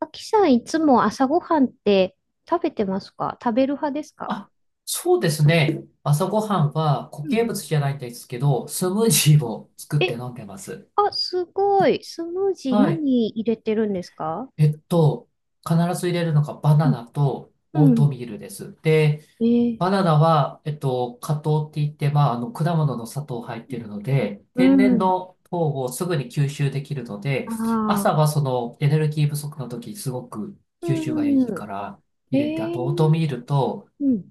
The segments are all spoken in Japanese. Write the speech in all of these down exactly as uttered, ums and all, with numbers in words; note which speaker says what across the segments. Speaker 1: あきさん、いつも朝ごはんって食べてますか？食べる派ですか？
Speaker 2: あ、そうですね。朝ごは
Speaker 1: うん。
Speaker 2: んは固
Speaker 1: う
Speaker 2: 形
Speaker 1: ん。う
Speaker 2: 物じゃないんですけど、スムージー
Speaker 1: ん
Speaker 2: を作って
Speaker 1: え、
Speaker 2: 飲んでます。
Speaker 1: あ、すごい。スムージー
Speaker 2: はい。
Speaker 1: 何入れてるんですか？
Speaker 2: えっと、必ず入れるのがバ
Speaker 1: う
Speaker 2: ナ
Speaker 1: ん。
Speaker 2: ナとオー
Speaker 1: う
Speaker 2: ト
Speaker 1: ん。
Speaker 2: ミールです。で、
Speaker 1: えー、
Speaker 2: バナナは、えっと、果糖って言って、まあ、あの、果物の砂糖入ってるので、
Speaker 1: う
Speaker 2: 天然
Speaker 1: ん。
Speaker 2: の糖をすぐに吸収できるので、
Speaker 1: あ
Speaker 2: 朝
Speaker 1: あ、
Speaker 2: はそのエネルギー不足の時、すごく
Speaker 1: う
Speaker 2: 吸収がいい
Speaker 1: ん。
Speaker 2: から
Speaker 1: え
Speaker 2: 入れて、あとオート
Speaker 1: ー、
Speaker 2: ミールと、
Speaker 1: うん。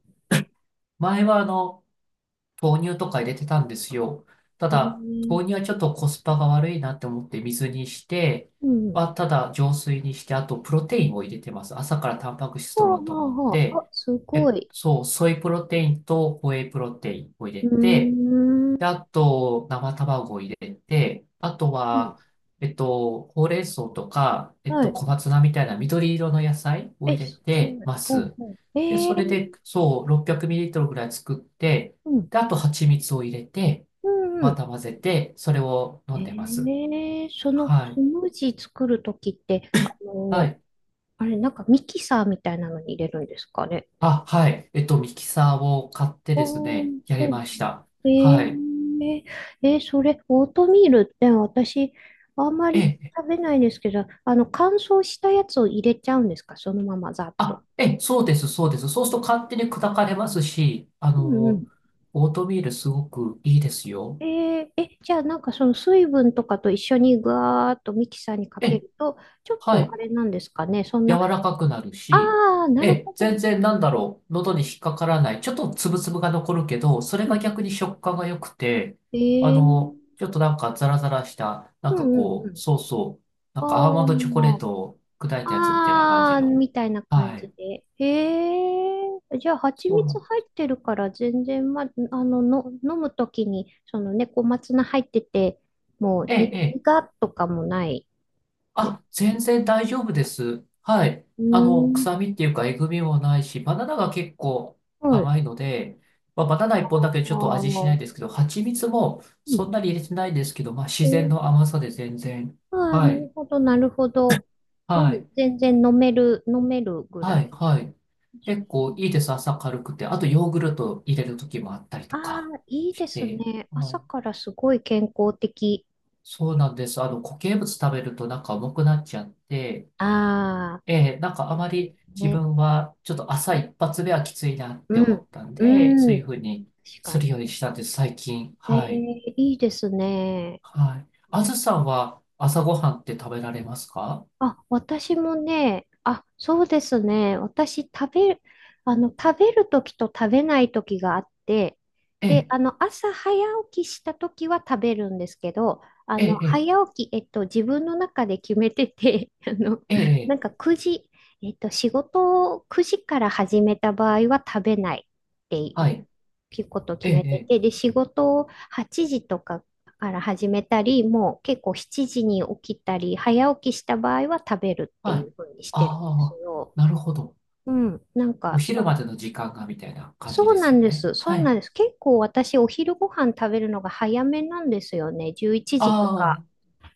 Speaker 2: 前はあの、豆乳とか入れてたんですよ。た
Speaker 1: え
Speaker 2: だ、
Speaker 1: ー、
Speaker 2: 豆乳はちょっとコスパが悪いなって思って水にして、
Speaker 1: うん。
Speaker 2: はただ浄水にして、あとプロテインを入れてます。朝からタンパク質
Speaker 1: はあ
Speaker 2: 取ろうと
Speaker 1: は
Speaker 2: 思っ
Speaker 1: あはあ。あ、
Speaker 2: て、
Speaker 1: すご
Speaker 2: え、
Speaker 1: い。
Speaker 2: そう、ソイプロテインとホエイプロテインを入
Speaker 1: う
Speaker 2: れて、
Speaker 1: ーん。
Speaker 2: で、あと、生卵を入れて、あとは、えっと、ほうれん草とか、えっ
Speaker 1: は
Speaker 2: と、
Speaker 1: い。
Speaker 2: 小松菜みたいな緑色の野菜を
Speaker 1: え、
Speaker 2: 入れ
Speaker 1: す
Speaker 2: て
Speaker 1: ごい。
Speaker 2: ま
Speaker 1: ほう
Speaker 2: す。
Speaker 1: ほう。え
Speaker 2: で、それで、
Speaker 1: ー、
Speaker 2: そう、ろっぴゃくミリリットル ぐらい作って、
Speaker 1: うん。
Speaker 2: で、あと、蜂蜜を入れて、
Speaker 1: うん。う
Speaker 2: ま
Speaker 1: ん。
Speaker 2: た混ぜて、それを飲んでま
Speaker 1: え
Speaker 2: す。
Speaker 1: え、その
Speaker 2: は
Speaker 1: ス
Speaker 2: い。
Speaker 1: ムージー作るときって、あ
Speaker 2: は
Speaker 1: の、
Speaker 2: い。
Speaker 1: あれ、なんかミキサーみたいなのに入れるんですかね？
Speaker 2: あ、はい。えっと、ミキサーを買ってです
Speaker 1: おあ、
Speaker 2: ね、やり
Speaker 1: そう。
Speaker 2: ました。
Speaker 1: え
Speaker 2: はい。
Speaker 1: ええーそれ、オートミールって私、あんま
Speaker 2: え
Speaker 1: り
Speaker 2: え、
Speaker 1: 食べないですけど、あの、乾燥したやつを入れちゃうんですか？そのままざっと。
Speaker 2: あ、ええ、そうです、そうです。そうすると勝手に砕かれますし、あ
Speaker 1: うん。う
Speaker 2: の、
Speaker 1: ん。
Speaker 2: オートミールすごくいいですよ。
Speaker 1: えーえ、じゃあなんかその水分とかと一緒にぐわーっとミキサーにか
Speaker 2: え
Speaker 1: け
Speaker 2: え、
Speaker 1: ると、ちょっ
Speaker 2: は
Speaker 1: とあ
Speaker 2: い。
Speaker 1: れなんですかね、そん
Speaker 2: 柔
Speaker 1: な、
Speaker 2: らかくなる
Speaker 1: あ
Speaker 2: し、
Speaker 1: あ、な
Speaker 2: え
Speaker 1: る
Speaker 2: え、
Speaker 1: ほ
Speaker 2: 全
Speaker 1: ど。
Speaker 2: 然なんだろう、喉に引っかからない。ちょっとつぶつぶが残るけど、それ
Speaker 1: う
Speaker 2: が
Speaker 1: ん。
Speaker 2: 逆に食感が良くて、
Speaker 1: え
Speaker 2: あ
Speaker 1: ー
Speaker 2: の、ちょっとなんかザラザラした、な
Speaker 1: う
Speaker 2: んか
Speaker 1: ん。うん。う
Speaker 2: こう、
Speaker 1: ん。
Speaker 2: そうそう、なんかアーモン
Speaker 1: お
Speaker 2: ドチョコレー
Speaker 1: ー。
Speaker 2: トを砕いたやつみたいな感じ
Speaker 1: あー、
Speaker 2: の。
Speaker 1: みたいな感
Speaker 2: は
Speaker 1: じ
Speaker 2: い。
Speaker 1: で。へえ。じゃあ、蜂
Speaker 2: そうな
Speaker 1: 蜜
Speaker 2: ん
Speaker 1: 入ってるから、全然、ま、あの、の、飲むときに、そのね、小松菜入ってて、もう、
Speaker 2: え
Speaker 1: に、
Speaker 2: え、え
Speaker 1: 苦っとかもない。で、
Speaker 2: あ、全然大丈夫です。はい。
Speaker 1: うー
Speaker 2: あの、臭
Speaker 1: ん。
Speaker 2: みっていうか、えぐみもないし、バナナが結構
Speaker 1: はい。
Speaker 2: 甘いので、まあ、バナナいっぽんだけ
Speaker 1: あ
Speaker 2: ちょっと味しな
Speaker 1: ー、
Speaker 2: いですけど、蜂蜜も
Speaker 1: う
Speaker 2: そん
Speaker 1: ん。
Speaker 2: なに入れてないですけど、まあ、自
Speaker 1: う
Speaker 2: 然
Speaker 1: ん、
Speaker 2: の甘さで全然。
Speaker 1: あー、
Speaker 2: は
Speaker 1: な
Speaker 2: い。
Speaker 1: るほど、なるほど。う
Speaker 2: は
Speaker 1: ん、
Speaker 2: い。
Speaker 1: 全然飲める、飲めるぐら
Speaker 2: はい。
Speaker 1: い。
Speaker 2: はい。結構いいです。朝軽くて。あと、ヨーグルト入れる時もあったり
Speaker 1: あ
Speaker 2: と
Speaker 1: あ、
Speaker 2: か
Speaker 1: いいで
Speaker 2: し
Speaker 1: す
Speaker 2: て。
Speaker 1: ね。
Speaker 2: は
Speaker 1: 朝
Speaker 2: い。
Speaker 1: からすごい健康的。
Speaker 2: そうなんです。あの、固形物食べるとなんか重くなっちゃって、
Speaker 1: ああ、
Speaker 2: ええ、なんかあまり自
Speaker 1: ね。
Speaker 2: 分はちょっと朝一発目はきついなって
Speaker 1: う
Speaker 2: 思
Speaker 1: ん。
Speaker 2: ったんで、そ
Speaker 1: う
Speaker 2: う
Speaker 1: ん。
Speaker 2: いうふうに
Speaker 1: 確か
Speaker 2: する
Speaker 1: に。
Speaker 2: ようにしたんです、最近。
Speaker 1: えー、
Speaker 2: はい。
Speaker 1: いいですね。
Speaker 2: はい。あずさんは朝ごはんって食べられますか？
Speaker 1: あ、私もね、あ、そうですね。私、食べる、あの、食べるときと食べないときがあって、
Speaker 2: え
Speaker 1: で、
Speaker 2: え、
Speaker 1: あの、朝早起きしたときは食べるんですけど、あ
Speaker 2: え
Speaker 1: の、
Speaker 2: え、
Speaker 1: 早起き、えっと、自分の中で決めてて、あの、
Speaker 2: ええ、え
Speaker 1: な
Speaker 2: え、
Speaker 1: んかくじ、えっと、仕事をくじから始めた場合は食べないって
Speaker 2: は
Speaker 1: い
Speaker 2: い。
Speaker 1: うことを
Speaker 2: え
Speaker 1: 決
Speaker 2: え、
Speaker 1: めて
Speaker 2: え
Speaker 1: て、
Speaker 2: え
Speaker 1: で、仕事をはちじとかから始めたり、もう結構しちじに起きたり、早起きした場合は食べるって
Speaker 2: は
Speaker 1: いう
Speaker 2: い。
Speaker 1: 風にしてるんです
Speaker 2: ああ、
Speaker 1: よ。
Speaker 2: なるほど。
Speaker 1: うん、なん
Speaker 2: お
Speaker 1: か
Speaker 2: 昼
Speaker 1: そ、
Speaker 2: までの時間がみたいな感じ
Speaker 1: そう
Speaker 2: で
Speaker 1: な
Speaker 2: すよ
Speaker 1: んで
Speaker 2: ね。
Speaker 1: す。そ
Speaker 2: は
Speaker 1: う
Speaker 2: い。
Speaker 1: なんです。結構私、お昼ご飯食べるのが早めなんですよね。じゅういちじと
Speaker 2: あ
Speaker 1: か。
Speaker 2: あ、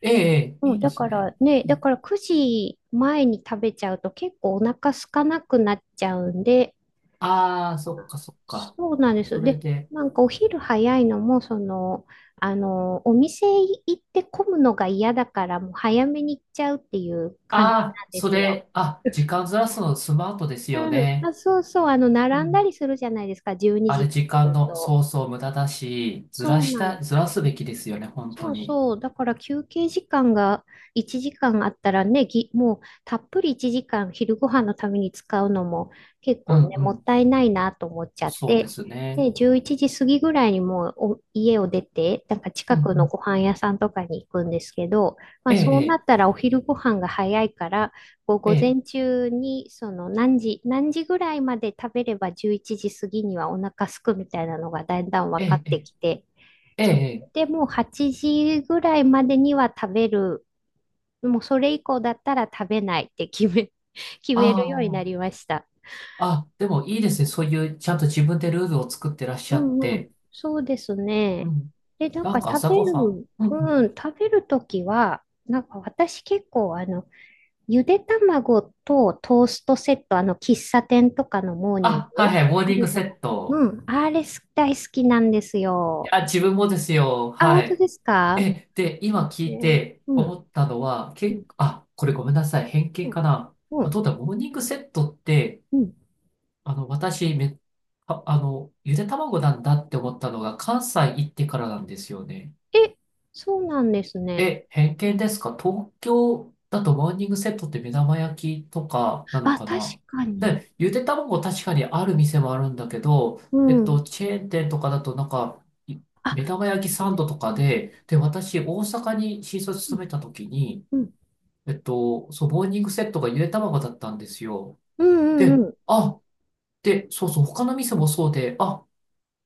Speaker 2: ええ、ええ
Speaker 1: う
Speaker 2: い
Speaker 1: ん、
Speaker 2: いで
Speaker 1: だ
Speaker 2: す
Speaker 1: か
Speaker 2: ね。
Speaker 1: らね、だからくじまえに食べちゃうと結構お腹空かなくなっちゃうんで、
Speaker 2: ああー、そっかそっか。
Speaker 1: そうなんで
Speaker 2: そ
Speaker 1: す。
Speaker 2: れ
Speaker 1: で、
Speaker 2: で、
Speaker 1: なんかお昼早いのも、その、あの、お店行って混むのが嫌だから、もう早めに行っちゃうっていう感じ
Speaker 2: あ
Speaker 1: な
Speaker 2: あ、
Speaker 1: んで
Speaker 2: そ
Speaker 1: すよ。
Speaker 2: れ、あ、時間ずらすのスマートですよ
Speaker 1: うん。
Speaker 2: ね。
Speaker 1: あ、そうそう、あの、
Speaker 2: う
Speaker 1: 並んだ
Speaker 2: ん。
Speaker 1: りするじゃないですか、12
Speaker 2: あ
Speaker 1: 時っ
Speaker 2: れ、
Speaker 1: て
Speaker 2: 時間
Speaker 1: 言
Speaker 2: の、
Speaker 1: と。
Speaker 2: そうそう、無駄だし、ず
Speaker 1: そ
Speaker 2: ら
Speaker 1: う
Speaker 2: し
Speaker 1: なの。
Speaker 2: た、ずらすべきですよね、本当
Speaker 1: そう
Speaker 2: に。
Speaker 1: そう。だから休憩時間がいちじかんあったらね、ぎ、もうたっぷりいちじかん昼ご飯のために使うのも結
Speaker 2: う
Speaker 1: 構
Speaker 2: ん
Speaker 1: ね、
Speaker 2: う
Speaker 1: もっ
Speaker 2: ん。
Speaker 1: たいないなと思っちゃっ
Speaker 2: そうで
Speaker 1: て、
Speaker 2: すね。
Speaker 1: で、じゅういちじ過ぎぐらいにもうお家を出て、なんか
Speaker 2: う
Speaker 1: 近
Speaker 2: ん
Speaker 1: く
Speaker 2: う
Speaker 1: の
Speaker 2: ん。
Speaker 1: ご飯屋さんとかに行くんですけど、まあ
Speaker 2: え
Speaker 1: そうなっ
Speaker 2: え、
Speaker 1: たらお昼ご飯が早いから、こう
Speaker 2: え
Speaker 1: 午
Speaker 2: え、
Speaker 1: 前中にその何時、何時ぐらいまで食べればじゅういちじ過ぎにはお腹空くみたいなのがだんだん
Speaker 2: え
Speaker 1: 分かっ
Speaker 2: え、
Speaker 1: て
Speaker 2: え
Speaker 1: きて、
Speaker 2: え、え
Speaker 1: そ
Speaker 2: え。
Speaker 1: でもはちじぐらいまでには食べる。もうそれ以降だったら食べないって決め、決めるようにな
Speaker 2: あ
Speaker 1: りました。
Speaker 2: あ、あ、でもいいですね。そういう、ちゃんと自分でルールを作ってらっし
Speaker 1: う
Speaker 2: ゃっ
Speaker 1: ん。うん。
Speaker 2: て。
Speaker 1: そうです
Speaker 2: う
Speaker 1: ね。
Speaker 2: ん。
Speaker 1: で、なん
Speaker 2: な
Speaker 1: か
Speaker 2: んか
Speaker 1: 食
Speaker 2: 朝
Speaker 1: べ
Speaker 2: ごはん。
Speaker 1: る、
Speaker 2: うんうん。
Speaker 1: うん、食べるときは、なんか私結構あの、ゆで卵とトーストセット、あの、喫茶店とかのモーニング
Speaker 2: あ、はいはい、モー
Speaker 1: あ
Speaker 2: ニン
Speaker 1: る
Speaker 2: グ
Speaker 1: じ
Speaker 2: セ
Speaker 1: ゃない。
Speaker 2: ッ
Speaker 1: う
Speaker 2: ト。
Speaker 1: ん、あれす大好きなんですよ。
Speaker 2: あ、自分もですよ。
Speaker 1: あ、
Speaker 2: は
Speaker 1: 本当
Speaker 2: い。
Speaker 1: ですか
Speaker 2: え、で、今聞
Speaker 1: ね？
Speaker 2: いて
Speaker 1: うん。
Speaker 2: 思ったのは、
Speaker 1: う
Speaker 2: 結
Speaker 1: ん。
Speaker 2: 構、あ、これごめんなさい。偏見か
Speaker 1: う
Speaker 2: な。あ、ど
Speaker 1: ん。
Speaker 2: うだ、モーニングセットって、
Speaker 1: うん。
Speaker 2: あの、私、め、あ、あの、ゆで卵なんだって思ったのが、関西行ってからなんですよね。
Speaker 1: え、そうなんですね。
Speaker 2: え、偏見ですか？東京だとモーニングセットって目玉焼きとかなの
Speaker 1: あ、
Speaker 2: か
Speaker 1: 確
Speaker 2: な？
Speaker 1: かに。
Speaker 2: で、ゆで卵確かにある店もあるんだけど、
Speaker 1: う
Speaker 2: えっ
Speaker 1: ん。
Speaker 2: と、チェーン店とかだとなんか、い目
Speaker 1: あ、
Speaker 2: 玉焼きサンドと
Speaker 1: う
Speaker 2: か
Speaker 1: ん、
Speaker 2: で、で、私、大阪に新卒
Speaker 1: う
Speaker 2: 勤めた時に、
Speaker 1: ん、
Speaker 2: えっと、そう、モーニングセットがゆで卵だったんですよ。
Speaker 1: うん、
Speaker 2: で、
Speaker 1: うん、
Speaker 2: あ、で、そうそう、他の店もそうで、あ、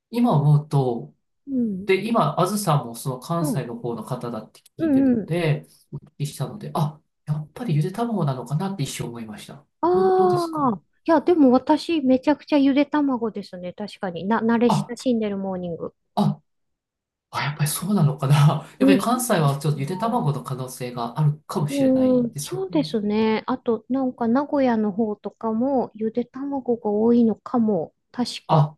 Speaker 2: 今思うと、
Speaker 1: うん、
Speaker 2: で、今、あずさんもその
Speaker 1: う
Speaker 2: 関
Speaker 1: ん、
Speaker 2: 西の方の方だって
Speaker 1: う
Speaker 2: 聞いて
Speaker 1: ん、
Speaker 2: る
Speaker 1: う
Speaker 2: の
Speaker 1: ん。
Speaker 2: で、お聞きしたので、あ、やっぱりゆで卵なのかなって一瞬思いました。ど、どうで
Speaker 1: あ
Speaker 2: すか
Speaker 1: あ、いや、でも私、めちゃくちゃゆで卵ですね。確かに。な、慣れ
Speaker 2: あ、
Speaker 1: 親しんでるモーニング。
Speaker 2: あ、あ、やっぱりそうなのかな。やっぱ
Speaker 1: う
Speaker 2: り
Speaker 1: ん、そ
Speaker 2: 関西
Speaker 1: うか
Speaker 2: はちょっとゆで
Speaker 1: な。
Speaker 2: 卵の可能性があるかもしれな
Speaker 1: う
Speaker 2: い
Speaker 1: ん、
Speaker 2: ですよ
Speaker 1: そうで
Speaker 2: ね。
Speaker 1: すね。あと、なんか、名古屋の方とかも、ゆで卵が多いのかも。確か。
Speaker 2: あ、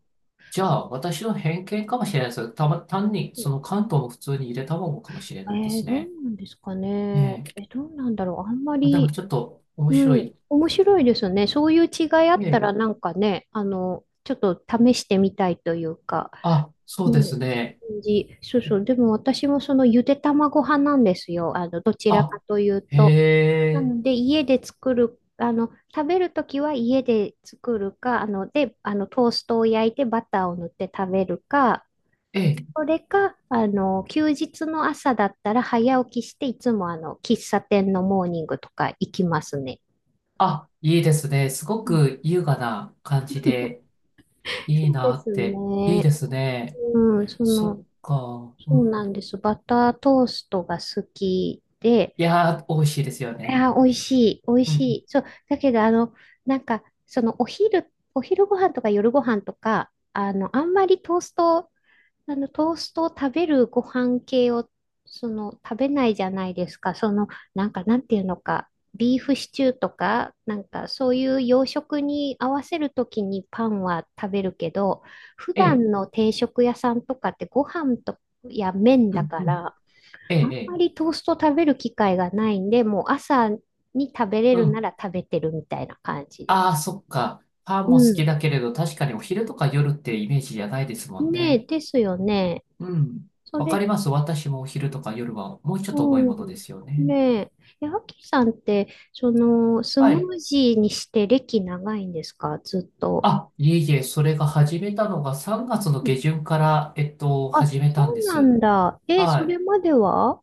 Speaker 2: じゃあ私の偏見かもしれないです。たま、単に
Speaker 1: え
Speaker 2: その関東も普通にゆで卵かもしれないで
Speaker 1: ー、
Speaker 2: す
Speaker 1: どう
Speaker 2: ね。
Speaker 1: なんですかね。
Speaker 2: ねえ。
Speaker 1: え、どうなんだろう。あんま
Speaker 2: あ、でも
Speaker 1: り、
Speaker 2: ちょっと面
Speaker 1: う
Speaker 2: 白
Speaker 1: ん、
Speaker 2: い。
Speaker 1: 面白いですね。そういう違いあっ
Speaker 2: え
Speaker 1: た
Speaker 2: え。
Speaker 1: らなんかね、あの、ちょっと試してみたいというか、
Speaker 2: あ、そうで
Speaker 1: ね、
Speaker 2: すね。
Speaker 1: 感じそうそう。でも私もそのゆで卵派なんですよ。あの、どちらか
Speaker 2: あ、
Speaker 1: という
Speaker 2: へ
Speaker 1: と。な
Speaker 2: え。
Speaker 1: ので、家で作る、あの、食べるときは家で作るか、あの、で、あの、トーストを焼いてバターを塗って食べるか、
Speaker 2: ええ
Speaker 1: それか、あの、休日の朝だったら早起きして、いつもあの、喫茶店のモーニングとか行きますね。
Speaker 2: あ、いいですね。すごく優雅な感じで、いい
Speaker 1: そうで
Speaker 2: な
Speaker 1: す
Speaker 2: って。いい
Speaker 1: ね。
Speaker 2: ですね。
Speaker 1: うん、そ
Speaker 2: そっ
Speaker 1: の、
Speaker 2: か。う
Speaker 1: そうなん
Speaker 2: ん、
Speaker 1: です。バタートーストが好きで、
Speaker 2: いやー、美味しいですよ
Speaker 1: い
Speaker 2: ね。
Speaker 1: や、美味しい、美味
Speaker 2: うん、う
Speaker 1: し
Speaker 2: ん。
Speaker 1: い。そう、だけど、あの、なんか、その、お昼、お昼ご飯とか夜ご飯とか、あの、あんまりトーストあの、トーストを食べるご飯系を、その、食べないじゃないですか。その、なんか、なんていうのか、ビーフシチューとか、なんか、そういう洋食に合わせるときにパンは食べるけど、普
Speaker 2: ええ、
Speaker 1: 段の定食屋さんとかってご飯とや麺
Speaker 2: う
Speaker 1: だ
Speaker 2: ん、
Speaker 1: か
Speaker 2: うん。
Speaker 1: ら、
Speaker 2: ええ、
Speaker 1: あ
Speaker 2: え
Speaker 1: んま
Speaker 2: え、
Speaker 1: りトースト食べる機会がないんで、もう朝に食べれ
Speaker 2: う
Speaker 1: るな
Speaker 2: ん。
Speaker 1: ら食べてるみたいな感じです。
Speaker 2: ああ、そっか。パン
Speaker 1: う
Speaker 2: も好
Speaker 1: ん。
Speaker 2: きだけれど、確かにお昼とか夜ってイメージじゃないですもん
Speaker 1: ねえ、
Speaker 2: ね。
Speaker 1: ですよね。
Speaker 2: うん。
Speaker 1: そ
Speaker 2: わか
Speaker 1: れ、
Speaker 2: ります。私もお昼とか夜はもうちょっと重い
Speaker 1: う
Speaker 2: もので
Speaker 1: ん。
Speaker 2: すよね。
Speaker 1: ねえ。え、アキさんって、その、ス
Speaker 2: は
Speaker 1: ム
Speaker 2: い。
Speaker 1: ージーにして歴長いんですか？ずっと。
Speaker 2: あ、いえいえ、それが始めたのがさんがつの
Speaker 1: うん。
Speaker 2: 下旬から、えっと、
Speaker 1: あ、
Speaker 2: 始め
Speaker 1: そ
Speaker 2: たんで
Speaker 1: うな
Speaker 2: す。
Speaker 1: んだ。え、
Speaker 2: は
Speaker 1: それ
Speaker 2: い。
Speaker 1: までは？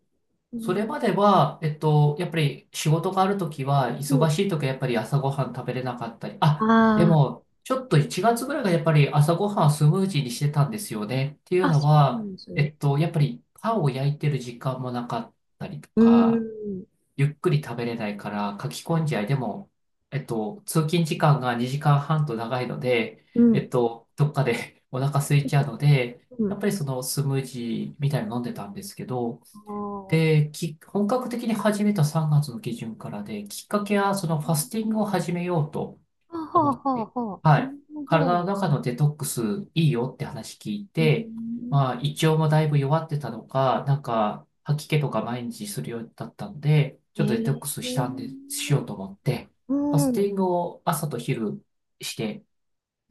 Speaker 1: う
Speaker 2: そ
Speaker 1: ん。
Speaker 2: れまでは、えっと、やっぱり仕事があるときは、
Speaker 1: う
Speaker 2: 忙
Speaker 1: ん。
Speaker 2: しいときはやっぱり朝ごはん食べれなかったり、
Speaker 1: あ
Speaker 2: あ、でも、ちょっといちがつぐらいがやっぱり朝ごはんスムージーにしてたんですよね。ってい
Speaker 1: あ、
Speaker 2: う
Speaker 1: あ、
Speaker 2: の
Speaker 1: そうな
Speaker 2: は、
Speaker 1: んです
Speaker 2: え
Speaker 1: ね。
Speaker 2: っと、やっぱりパンを焼いてる時間もなかったりと
Speaker 1: うー
Speaker 2: か、
Speaker 1: ん。
Speaker 2: ゆっくり食べれないから、書き込んじゃいでも、えっと、通勤時間がにじかんはんと長いので、
Speaker 1: う
Speaker 2: え
Speaker 1: ん。
Speaker 2: っと、どっかで お腹空いちゃうので、
Speaker 1: う
Speaker 2: や
Speaker 1: ん。
Speaker 2: っぱりそのスムージーみたいなの飲んでたんですけど、
Speaker 1: あー、
Speaker 2: で、き、本格的に始めたさんがつの下旬からで、きっかけはそのファスティングを始めようと
Speaker 1: あ。は
Speaker 2: 思
Speaker 1: あ、
Speaker 2: って、
Speaker 1: はあ、は
Speaker 2: は
Speaker 1: あ。な
Speaker 2: い。
Speaker 1: るほ
Speaker 2: 体の
Speaker 1: ど。
Speaker 2: 中のデトックスいいよって話聞い
Speaker 1: うー
Speaker 2: て、
Speaker 1: ん。
Speaker 2: まあ、胃腸もだいぶ弱ってたのか、なんか、吐き気とか毎日するようだったんで、ち
Speaker 1: え
Speaker 2: ょっとデトックスしたん
Speaker 1: ー、
Speaker 2: で、しようと思って、
Speaker 1: う
Speaker 2: ファスティ
Speaker 1: ん。
Speaker 2: ングを朝と昼して、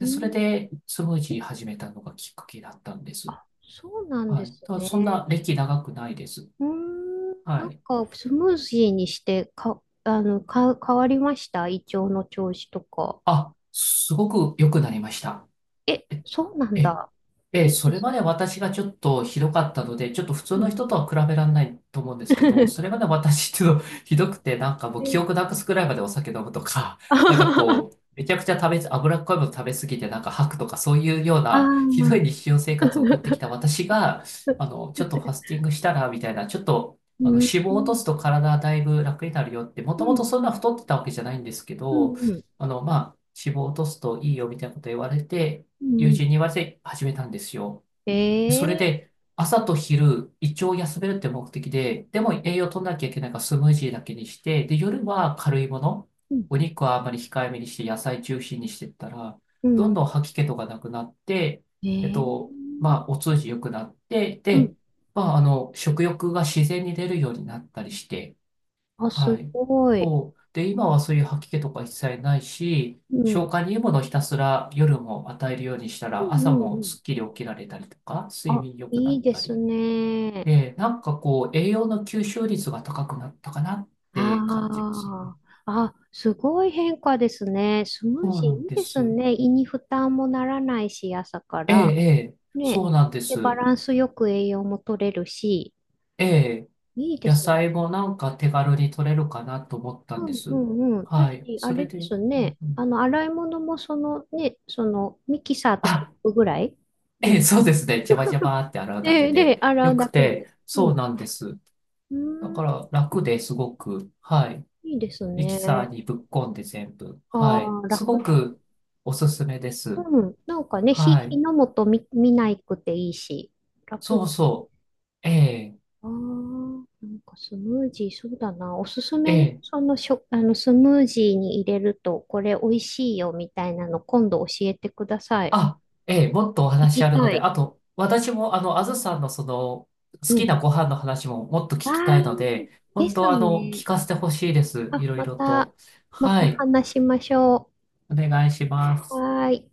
Speaker 1: う
Speaker 2: それ
Speaker 1: ん。
Speaker 2: でスムージー始めたのがきっかけだったんです。
Speaker 1: あ、そうなんで
Speaker 2: はい。
Speaker 1: す
Speaker 2: ただ
Speaker 1: ね。
Speaker 2: そんな歴長くないです。
Speaker 1: うーん、
Speaker 2: は
Speaker 1: なん
Speaker 2: い。
Speaker 1: かスムージーにしてか、あの、か、変わりました？胃腸の調子とか。
Speaker 2: あ、すごく良くなりました。
Speaker 1: え、
Speaker 2: え、
Speaker 1: そうなん
Speaker 2: え、
Speaker 1: だ。
Speaker 2: ええ、
Speaker 1: いい
Speaker 2: そ
Speaker 1: で
Speaker 2: れ
Speaker 1: す
Speaker 2: まで
Speaker 1: ね。
Speaker 2: 私がちょっとひどかったので、ちょっと普通
Speaker 1: う
Speaker 2: の
Speaker 1: ん。
Speaker 2: 人とは比べられないと思うんですけど、それまで 私っていうの ひどくて、なんかもう記
Speaker 1: え、
Speaker 2: 憶なくすくらいまでお酒飲むとか、
Speaker 1: あ
Speaker 2: なんか
Speaker 1: はは、
Speaker 2: こう、めちゃくちゃ食べ、脂っこいもの食べ過ぎてなんか吐くとか、そういうよう
Speaker 1: あ
Speaker 2: なひどい
Speaker 1: ー。
Speaker 2: 日常生活を送ってきた私が、あの、ちょっとファスティングしたら、みたいな、ちょっと、
Speaker 1: う
Speaker 2: あの、
Speaker 1: ん、
Speaker 2: 脂肪
Speaker 1: う
Speaker 2: を落と
Speaker 1: ん、
Speaker 2: すと体だいぶ楽になるよって、も
Speaker 1: う
Speaker 2: ともと
Speaker 1: ん、
Speaker 2: そんな太ってたわけじゃないんですけ
Speaker 1: う
Speaker 2: ど、
Speaker 1: ん、
Speaker 2: あの、まあ、脂肪を落とすといいよみたいなこと言われて、
Speaker 1: う
Speaker 2: 友人
Speaker 1: ん。
Speaker 2: に言われて始めたんですよ。
Speaker 1: え
Speaker 2: それ
Speaker 1: ー
Speaker 2: で、朝と昼、胃腸を休めるって目的で、でも栄養取らなきゃいけないからスムージーだけにして、で、夜は軽いもの、
Speaker 1: うん、
Speaker 2: お肉はあんまり控えめにして、野菜中心にしてったら、
Speaker 1: う
Speaker 2: どん
Speaker 1: ん、
Speaker 2: どん吐き気とかなくなって、
Speaker 1: え
Speaker 2: えっ
Speaker 1: えー
Speaker 2: と、まあ、お通じ良くなって、
Speaker 1: う
Speaker 2: で、
Speaker 1: ん。
Speaker 2: まあ、あの、食欲が自然に出るようになったりして、
Speaker 1: あ、す
Speaker 2: はい。
Speaker 1: ごい。
Speaker 2: そう。で、今はそういう吐き気とか一切ないし、
Speaker 1: うん、う
Speaker 2: 消
Speaker 1: ん、
Speaker 2: 化にいいものをひたすら夜も与えるようにした
Speaker 1: う
Speaker 2: ら、朝
Speaker 1: ん。う
Speaker 2: も
Speaker 1: ん、
Speaker 2: すっきり起きられたりとか、睡
Speaker 1: あ、
Speaker 2: 眠良くな
Speaker 1: いい
Speaker 2: っ
Speaker 1: で
Speaker 2: た
Speaker 1: す
Speaker 2: り。
Speaker 1: ね。
Speaker 2: で、なんかこう、栄養の吸収率が高くなったかなって感じますね。
Speaker 1: ああ、あ、すごい変化ですね。スム
Speaker 2: そ
Speaker 1: ー
Speaker 2: う
Speaker 1: ジー
Speaker 2: なん
Speaker 1: いい
Speaker 2: で
Speaker 1: で
Speaker 2: す。
Speaker 1: すね。胃に負担もならないし、朝か
Speaker 2: ええ、
Speaker 1: ら。
Speaker 2: ええ、
Speaker 1: ね。
Speaker 2: そうなんで
Speaker 1: で、バ
Speaker 2: す。
Speaker 1: ランスよく栄養も取れるし、
Speaker 2: ええ、
Speaker 1: いいで
Speaker 2: 野
Speaker 1: すね。
Speaker 2: 菜もなんか手軽に取れるかなと思ったん
Speaker 1: う
Speaker 2: で
Speaker 1: ん。う
Speaker 2: す。
Speaker 1: ん。うん。
Speaker 2: はい。
Speaker 1: 私、あ
Speaker 2: それ
Speaker 1: れ
Speaker 2: で、
Speaker 1: で
Speaker 2: う
Speaker 1: すね。
Speaker 2: んう
Speaker 1: あ
Speaker 2: ん
Speaker 1: の、洗い物もそのね、そのミキサーとコッ
Speaker 2: あ
Speaker 1: プぐらいで
Speaker 2: ええ、
Speaker 1: す。
Speaker 2: そうですね。ジャバジャバーって洗うだけ
Speaker 1: で、で、
Speaker 2: で
Speaker 1: 洗
Speaker 2: よ
Speaker 1: う
Speaker 2: く
Speaker 1: だけ
Speaker 2: て、
Speaker 1: で。う
Speaker 2: そ
Speaker 1: ん。
Speaker 2: う
Speaker 1: う
Speaker 2: なんです。
Speaker 1: ー
Speaker 2: だ
Speaker 1: ん、
Speaker 2: から楽ですごく、はい。
Speaker 1: いいです
Speaker 2: ミキサー
Speaker 1: ね。
Speaker 2: にぶっこんで全部、はい。
Speaker 1: ああ、
Speaker 2: す
Speaker 1: 楽
Speaker 2: ご
Speaker 1: だ。
Speaker 2: くおすすめです。
Speaker 1: うん。なんかね、火、
Speaker 2: は
Speaker 1: 火
Speaker 2: い。
Speaker 1: の元見、見ないくていいし、楽
Speaker 2: そ
Speaker 1: で
Speaker 2: う
Speaker 1: す。
Speaker 2: そう。ええ、
Speaker 1: ああ、なんかスムージー、そうだな。おすす
Speaker 2: え
Speaker 1: めの、
Speaker 2: え、
Speaker 1: そのしょ、あの、スムージーに入れると、これ美味しいよみたいなの、今度教えてください。
Speaker 2: あ、ええ、もっとお
Speaker 1: 行
Speaker 2: 話
Speaker 1: き
Speaker 2: あるの
Speaker 1: た
Speaker 2: で、
Speaker 1: い。
Speaker 2: あと、私もあの、あずさんのその、好
Speaker 1: う
Speaker 2: き
Speaker 1: ん。
Speaker 2: なご飯の話ももっと聞きた
Speaker 1: ああ、
Speaker 2: いので、
Speaker 1: で
Speaker 2: 本当
Speaker 1: す
Speaker 2: あの、聞
Speaker 1: ね。
Speaker 2: かせてほしいです。い
Speaker 1: あ、
Speaker 2: ろい
Speaker 1: ま
Speaker 2: ろ
Speaker 1: た、
Speaker 2: と。
Speaker 1: ま
Speaker 2: は
Speaker 1: た
Speaker 2: い。
Speaker 1: 話しましょ
Speaker 2: お願いしま
Speaker 1: う。
Speaker 2: す。
Speaker 1: はーい。